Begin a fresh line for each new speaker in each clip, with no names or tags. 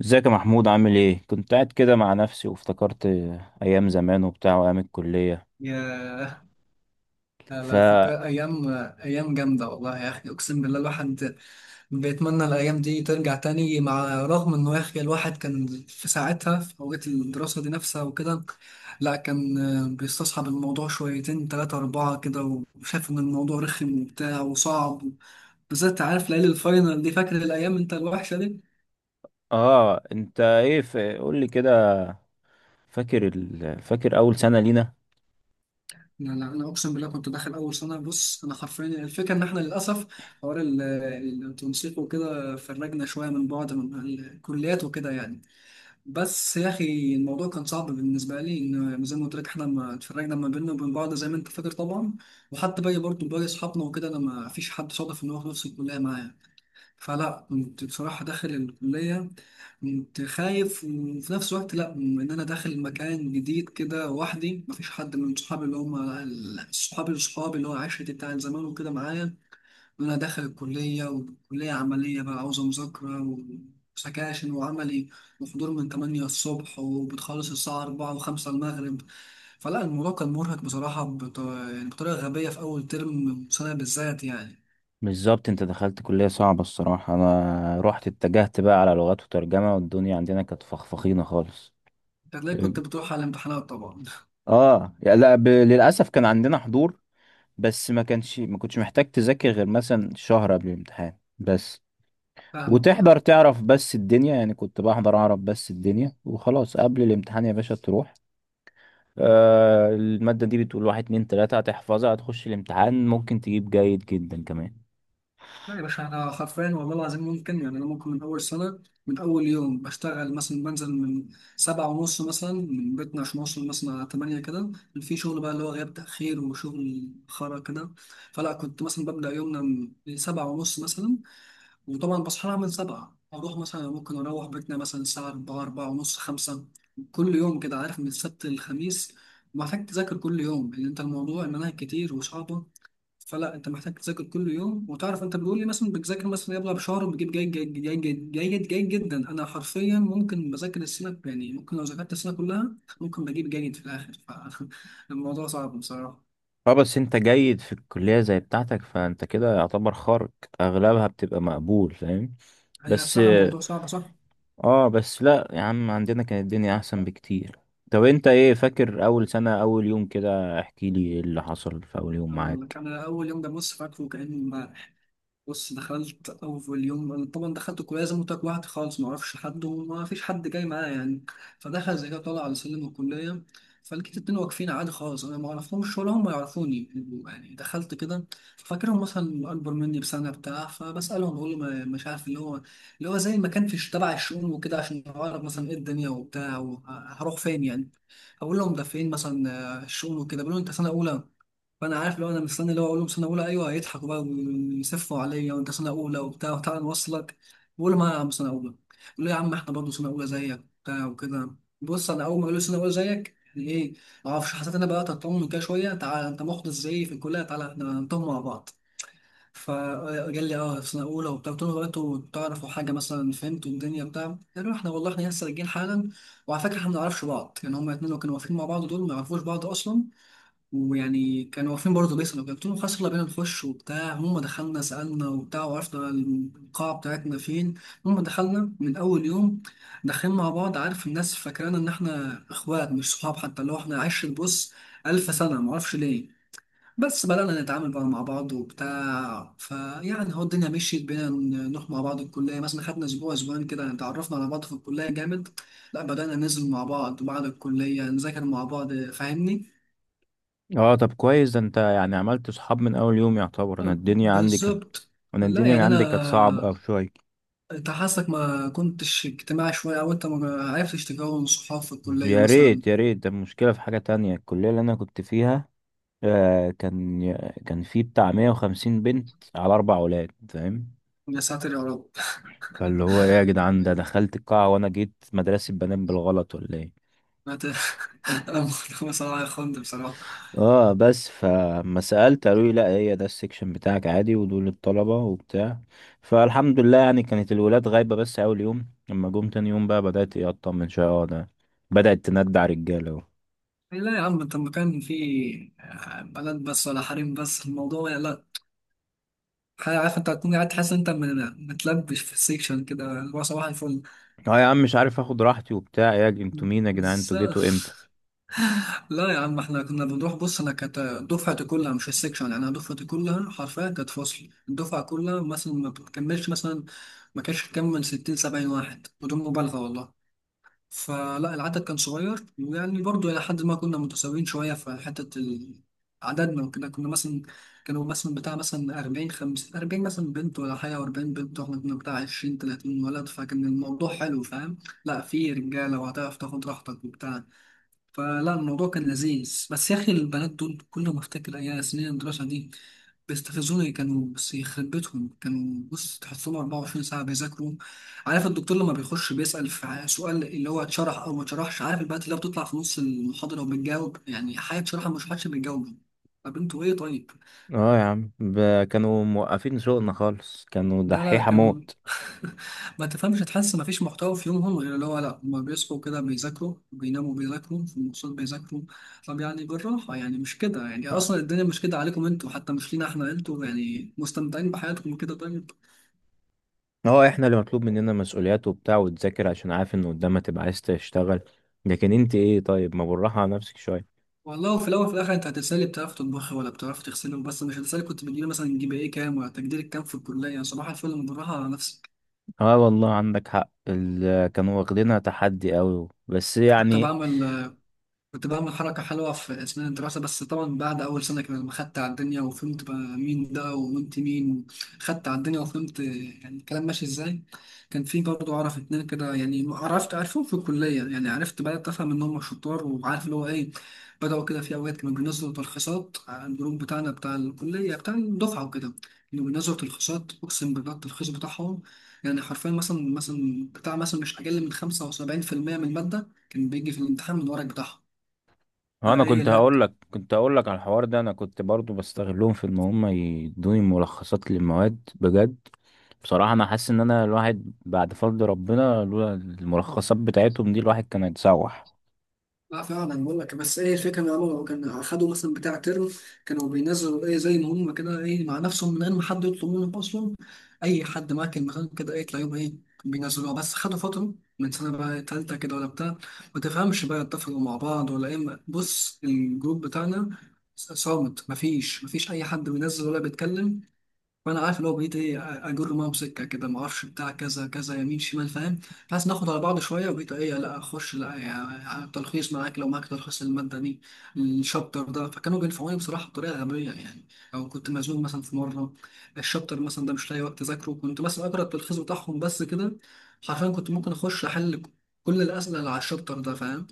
ازيك يا محمود، عامل ايه؟ كنت قاعد كده مع نفسي وافتكرت ايام زمان وبتاع وايام الكلية.
ياه، على
فا
فكرة أيام جامدة والله يا أخي أقسم بالله الواحد بيتمنى الأيام دي ترجع تاني مع رغم إنه يا أخي الواحد كان في ساعتها في أوقات الدراسة دي نفسها وكده. لا كان بيستصعب الموضوع شويتين تلاتة أربعة كده وشايف إن الموضوع رخم وبتاع وصعب، بالذات عارف ليالي الفاينل دي، فاكر الأيام أنت الوحشة دي؟
اه، انت ايه؟ قول لي كده. فاكر فاكر اول سنة لينا؟
لا لا، انا اقسم بالله كنت داخل اول سنه، بص انا حرفيا الفكره ان احنا للاسف حوار التنسيق وكده فرجنا شويه من بعض من الكليات وكده يعني. بس يا اخي الموضوع كان صعب بالنسبه لي، ان زي ما قلت لك احنا ما اتفرجنا ما بيننا وبين بعض زي ما انت فاكر طبعا. وحتى باقي اصحابنا وكده انا ما فيش حد صادف ان هو في نفس الكليه معايا. فلا كنت بصراحة داخل الكلية كنت خايف وفي نفس الوقت لا، إن أنا داخل مكان جديد كده لوحدي، مفيش حد من صحابي اللي هم صحابي اللي هو عشرتي بتاع زمان وكده معايا. إن أنا داخل الكلية وكلية عملية بقى عاوزة مذاكرة وسكاشن وعملي وحضور من 8 الصبح وبتخلص الساعة 4 و5 المغرب. فلا الموضوع كان مرهق بصراحة يعني بطريقة غبية في أول ترم سنة بالذات يعني.
بالظبط، انت دخلت كلية صعبة. الصراحة انا اتجهت بقى على لغات وترجمة، والدنيا عندنا كانت فخفخينة خالص.
هتلاقي كنت بتروح على الامتحانات طبعا.
اه يا لا، للاسف كان عندنا حضور، بس ما كنتش محتاج تذاكر غير مثلا شهر قبل الامتحان بس.
فاهمك اه.
وتحضر تعرف بس الدنيا، يعني كنت بحضر اعرف بس الدنيا وخلاص. قبل الامتحان يا باشا تروح، آه، المادة دي بتقول واحد اتنين تلاتة، هتحفظها هتخش الامتحان ممكن تجيب جيد جدا كمان.
لا يا باشا انا حرفيا والله العظيم ممكن يعني انا ممكن من اول سنه، من اول يوم بشتغل مثلا بنزل من سبعة ونص مثلا من بيتنا عشان اوصل مثلا على تمانية كده. في شغل بقى اللي هو غياب تاخير وشغل خرا كده. فلا كنت مثلا ببدا يومنا من سبعة ونص مثلا. وطبعا بصحى لها من سبعة اروح مثلا، ممكن اروح بيتنا مثلا الساعه 4 4 ونص 5. كل يوم كده، عارف، من السبت للخميس محتاج تذاكر كل يوم لان انت الموضوع المناهج كتير وصعبه. فلا انت محتاج تذاكر كل يوم، وتعرف انت بيقول لي مثلا بتذاكر مثلا يلا بشهر وبتجيب جيد جيد جيد جيد جيد, جيد جدا. انا حرفيا ممكن بذاكر السنه يعني، ممكن لو ذاكرت السنه كلها ممكن بجيب جيد في الاخر. فالموضوع صعب بصراحه.
اه بس انت جيد في الكلية زي بتاعتك، فانت كده يعتبر خارج، اغلبها بتبقى مقبول فاهم.
هي
بس.
بصراحه الموضوع صعب صح.
اه، بس لا يا عم، عندنا كانت الدنيا احسن بكتير. طب انت ايه فاكر اول سنة اول يوم كده؟ احكي لي ايه اللي حصل في اول يوم
أقول لك
معاك.
انا اول يوم ده، بص فاكره كانه، بص دخلت أول يوم، أنا طبعا دخلت كلية زي ما قلت لك لوحدي خالص، معرفش حد وما فيش حد جاي معايا يعني. فدخل زي كده طالع على سلم الكلية، فلقيت اتنين واقفين عادي خالص، أنا ما أعرفهمش ولا هم يعرفوني. يعني دخلت كده فاكرهم مثلا أكبر مني بسنة بتاع، فبسألهم بقول له مش عارف اللي هو، زي ما كان في تبع الشؤون وكده عشان أعرف مثلا إيه الدنيا وبتاع وهروح فين يعني. أقول لهم ده فين مثلا، آه، الشؤون وكده، بيقولوا أنت سنة أولى؟ فانا عارف لو انا مستني اللي هو اقول لهم سنه اولى ايوه هيضحكوا بقى ويسفوا عليا، وانت سنه اولى وبتاع وتعالى نوصلك. بقول لهم انا يا عم سنه اولى، يقول لي يا عم احنا برضه سنه اولى زيك وبتاع وكده. بص انا اول ما قالوا لي سنه اولى زيك، يعني ايه، ما اعرفش، حسيت انا بقى تطمن كده شويه، تعالى انت محدث زيي في الكليه، تعالى احنا نطمن مع بعض. فقال لي اه في سنه اولى وبتاع، قلت له هو انتوا تعرفوا حاجه مثلا فهمتوا الدنيا بتاع، قالوا احنا والله احنا لسه راجعين حالا، وعلى فكره احنا ما نعرفش بعض. يعني هما الاثنين اللي كانوا واقفين مع بعض دول ما يعرفوش بعض اصلا، ويعني كانوا واقفين برضه بيسألوا. قلت لهم خلاص يلا بينا نخش وبتاع، هم دخلنا سألنا وبتاع وعرفنا القاعة بتاعتنا فين. هم دخلنا من أول يوم داخلين مع بعض، عارف الناس فاكرانا إن إحنا إخوات مش صحاب، حتى اللي هو إحنا عشرة بص ألف سنة، معرفش ليه. بس بدأنا نتعامل بقى مع بعض وبتاع، فيعني هو الدنيا مشيت بينا نروح مع بعض الكلية، مثلا خدنا أسبوع أسبوعين كده اتعرفنا على بعض في الكلية جامد. لا بدأنا ننزل مع بعض بعد الكلية نذاكر مع بعض، فاهمني.
اه طب كويس، ده انت يعني عملت صحاب من اول يوم يعتبر.
بالظبط.
انا
لا
الدنيا
يعني
عندي كانت صعبة
انا،
او شوية.
انت حاسك ما كنتش اجتماعي شويه، او انت ما عرفتش تكون صحاب في الكليه
يا
مثلا؟
ريت يا ريت، ده المشكلة في حاجة تانية، الكلية اللي انا كنت فيها. آه، كان في بتاع 150 بنت على اربع اولاد فاهم.
يا ساتر يا رب.
فاللي هو ايه يا جدعان، ده دخلت القاعة وانا جيت مدرسة بنات بالغلط ولا ايه؟
انا ت- أنا بصراحه يا خند بصراحه.
اه بس فما سألت قالوا لي لا، هي ده السكشن بتاعك عادي، ودول الطلبة وبتاع. فالحمد لله، يعني كانت الولاد غايبة بس أول يوم. لما جم تاني يوم بقى بدأت ايه أطمن شوية. اه، ده بدأت تندع رجالة اهو.
لا يا عم انت المكان فيه بلد بس ولا حريم بس الموضوع يعني، لا. عارف انت هتكون قاعد تحس انت متلبش في السيكشن كده اللي هو صباح الفل.
اه يا عم مش عارف اخد راحتي وبتاع. انتوا مين يا جدعان؟
بس
انتوا جيتوا امتى؟
لا يا عم احنا كنا بنروح، بص انا كانت دفعتي كلها مش السكشن، يعني انا دفعتي كلها حرفيا كانت فصل، الدفعه كلها مثلا ما بتكملش مثلا، ما كانش تكمل 60 70 واحد بدون مبالغه والله. فلا العدد كان صغير، ويعني برضه الى حد ما كنا متساويين شويه في حته عددنا وكده، كنا مثلا، كانوا مثلا بتاع مثلا 40 50 40 مثلا بنت ولا حاجه، و40 بنت واحنا كنا بتاع 20 30 ولد، فكان الموضوع حلو فاهم. لا في رجاله وهتعرف تاخد راحتك وبتاع، فلا الموضوع كان لذيذ. بس يا اخي البنات دول كل ما افتكر ايام سنين الدراسه دي بيستفزوني، كانوا بس يخرب بيتهم كانوا بص تحصلهم 24 ساعه بيذاكروا. عارف الدكتور لما بيخش بيسال في سؤال اللي هو اتشرح او ما اتشرحش، عارف البنات اللي هي بتطلع في نص المحاضره وبتجاوب، يعني حياة شرحها مش حدش بيجاوب. طب انتوا ايه طيب؟
اه يا عم، كانوا موقفين شغلنا خالص، كانوا
لا
دحيحة
كانوا
موت.
ما تفهمش، تحس ما فيش محتوى في يومهم غير اللي هو، لا هما بيصحوا كده بيذاكروا، بيناموا بيذاكروا، في المواصلات بيذاكروا. طب يعني بالراحة يعني، مش كده يعني، أصلا الدنيا مش كده عليكم أنتوا، حتى مش لينا إحنا، أنتوا يعني مستمتعين بحياتكم كده طيب.
اه احنا اللي مطلوب مننا مسؤوليات وبتاع وتذاكر عشان عارف ان قدامك تبقى عايز تشتغل. لكن انت ايه طيب ما بالراحة على نفسك شوية.
والله وفي الأول وفي الآخر أنت هتسألي بتعرف تطبخي ولا بتعرف تغسلي، بس مش هتسألي كنت بتجيبي مثلا جي بي إيه كام، ولا تقديرك كام في الكلية يعني، صباح الفل، أنا بالراحة على نفسك.
اه والله عندك حق، كانوا واخدينها تحدي قوي بس
كنت
يعني.
بعمل كنت بعمل حركة حلوة في أثناء الدراسة، بس طبعا بعد أول سنة كده لما خدت على الدنيا وفهمت بقى مين ده وأنت مين، خدت على الدنيا وفهمت يعني الكلام ماشي إزاي. كان في برضه أعرف اتنين كده يعني، عرفت عرفهم في الكلية يعني عرفت بدأت أفهم إن هم شطار وعارف اللي هو إيه. بدأوا كده في أوقات كانوا بينزلوا تلخيصات على الجروب بتاعنا بتاع الكلية بتاع الدفعة وكده. كانوا بينزلوا تلخيصات، أقسم بالله التلخيص بتاعهم يعني حرفيا مثلا بتاع مثلا مش أقل من 75% من المادة كان بيجي في الامتحان من الورق بتاعهم.
هو انا
فايه
كنت
لا.
هقول لك كنت هقول لك على الحوار ده، انا كنت برضو بستغلهم في ان هم يدوني ملخصات للمواد بجد. بصراحة انا حاسس ان انا الواحد، بعد فضل ربنا، لولا الملخصات بتاعتهم دي الواحد كان هيتسوح.
لا فعلا بقول لك، بس ايه الفكره ان هم كانوا خدوا مثلا بتاع ترم كانوا بينزلوا ايه زي ما هم كده ايه مع نفسهم من غير ما حد يطلب منهم اصلا، اي حد ماكل مكان كده ايه تلاقيهم ايه بينزلوها. بس خدوا فتره من سنه بقى تالته كده ولا بتاع، ما تفهمش بقى اتفقوا مع بعض ولا ايه، بص الجروب بتاعنا صامت، مفيش اي حد بينزل ولا بيتكلم. فانا عارف اللي هو بقيت ايه اجر معاهم سكه كده، ما اعرفش بتاع كذا كذا يمين شمال فاهم، بحيث ناخد على بعض شويه. وبقيت ايه لا اخش لا يعني تلخيص معاك؟ لو معاك تلخيص الماده دي الشابتر ده، فكانوا بينفعوني بصراحه بطريقه غبيه يعني. او كنت مزنوق مثلا في مره الشابتر مثلا ده مش لاقي وقت اذاكره، كنت مثلا اقرا التلخيص بتاعهم بس كده. حرفيا كنت ممكن اخش احل كل الاسئله اللي على الشابتر ده فاهم.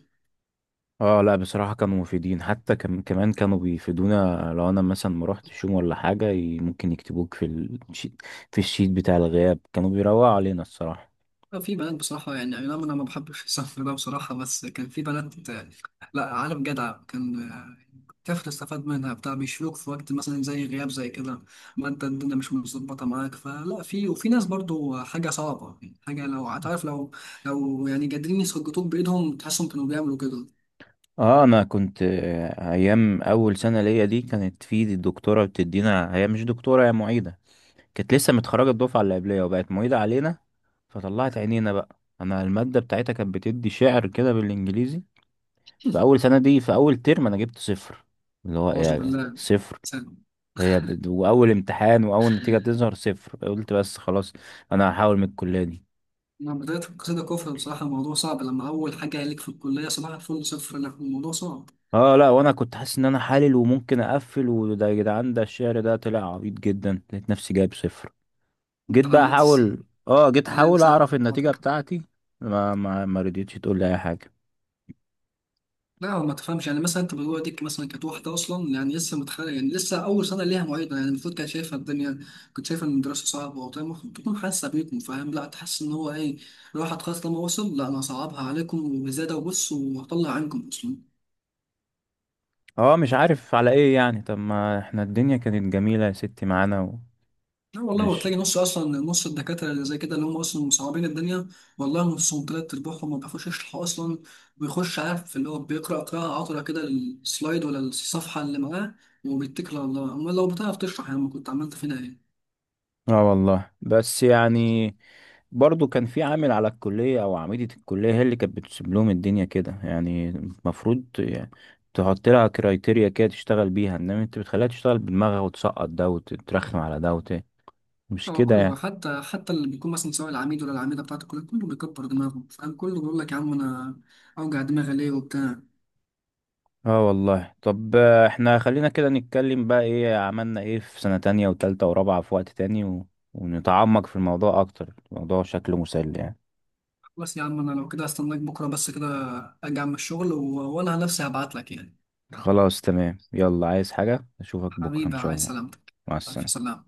اه لا بصراحة كانوا مفيدين حتى، كمان كانوا بيفيدونا. لو انا مثلا ما روحتش يوم ولا حاجة ممكن يكتبوك في الشيت، في الشيت بتاع الغياب كانوا بيروقوا علينا الصراحة.
آه، في بنات بصراحة يعني، أي نعم أنا ما بحبش السفر ده بصراحة، بس كان في بنات آه، لا عالم جدع، كان آه، تعرف تستفاد منها بتاع، بيشيلوك في وقت مثلا زي غياب زي كده، ما أنت الدنيا مش متظبطة معاك. فلا في وفي ناس برضو حاجة صعبة يعني، حاجة لو هتعرف لو يعني قادرين يسجطوك بإيدهم تحسهم كانوا بيعملوا كده.
اه انا كنت، ايام اول سنه ليا دي كانت في الدكتوره بتدينا، هي مش دكتوره هي معيده. كانت لسه متخرجه الدفعه اللي قبليه وبقت معيده علينا. فطلعت عينينا بقى، انا الماده بتاعتها كانت بتدي شعر كده بالانجليزي. في اول سنه دي في اول ترم انا جبت صفر. اللي هو
أعوذ
ايه
بالله.
صفر؟
سلام.
واول امتحان واول نتيجه تظهر صفر، قلت بس خلاص انا هحاول من الكليه دي.
مع بداية القصيدة كفر، بصراحة الموضوع صعب لما أول حاجة ليك في الكلية صباح الفل صفر، لا الموضوع صعب.
اه لا، وانا كنت حاسس ان انا حالل وممكن اقفل، وده يا جدعان ده الشعر ده طلع عبيط جدا، لقيت نفسي جايب صفر.
أنت علقت
جيت
علقت
احاول
صفر؟
اعرف النتيجة بتاعتي. ما رضيتش تقول لي اي حاجة.
لا هو ما تفهمش، يعني مثلا انت بتقول ديك مثلا كانت واحده اصلا يعني لسه متخرجه، يعني لسه اول سنه ليها معيده يعني، المفروض كانت شايفه الدنيا، كنت شايفه ان الدراسه صعبه وبتاع، المفروض تكون حاسه بيكم فاهم، لا تحس ان هو ايه، الواحد خلاص لما وصل لا انا هصعبها عليكم وزياده، وبص وهطلع عنكم اصلا.
اه مش عارف على ايه يعني. طب ما احنا الدنيا كانت جميلة يا ستي معانا.
لا والله،
ومش،
وتلاقي نص اصلا نص الدكاتره اللي زي كده اللي هم اصلا مصعبين الدنيا، والله نصهم تلات ارباعهم ما بيعرفوش يشرحوا اصلا، بيخش عارف اللي هو بيقرا قراءه عطره كده السلايد ولا الصفحه اللي معاه وبيتكل على الله، امال لو بتعرف تشرح يا عم كنت عملت فينا ايه.
اه والله بس يعني. برضو كان في عامل على الكلية او عميدة الكلية هي اللي كانت بتسيب لهم الدنيا كده، يعني المفروض يعني تحط لها كرايتيريا كده تشتغل بيها، انما انت بتخليها تشتغل بدماغها وتسقط ده وتترخم على ده مش
هو
كده
كله
يعني.
حتى اللي بيكون مثلا سواء العميد ولا العميدة بتاعت الكلية كله بيكبر دماغه فاهم، كله بيقول لك يا عم أنا أوجع دماغي ليه وبتاع.
اه والله طب، احنا خلينا كده نتكلم بقى ايه عملنا ايه في سنة تانية وتالتة ورابعة في وقت تاني، ونتعمق في الموضوع اكتر، الموضوع شكله مسلي يعني.
خلاص يا عم، أنا لو كده هستناك بكرة بس كده، أرجع من الشغل و... وأنا نفسي هبعت لك يعني.
خلاص تمام، يلا، عايز حاجة؟ اشوفك بكرة ان
حبيبي
شاء
عايز
الله.
سلامتك.
مع
ألف
السلامة.
سلامة.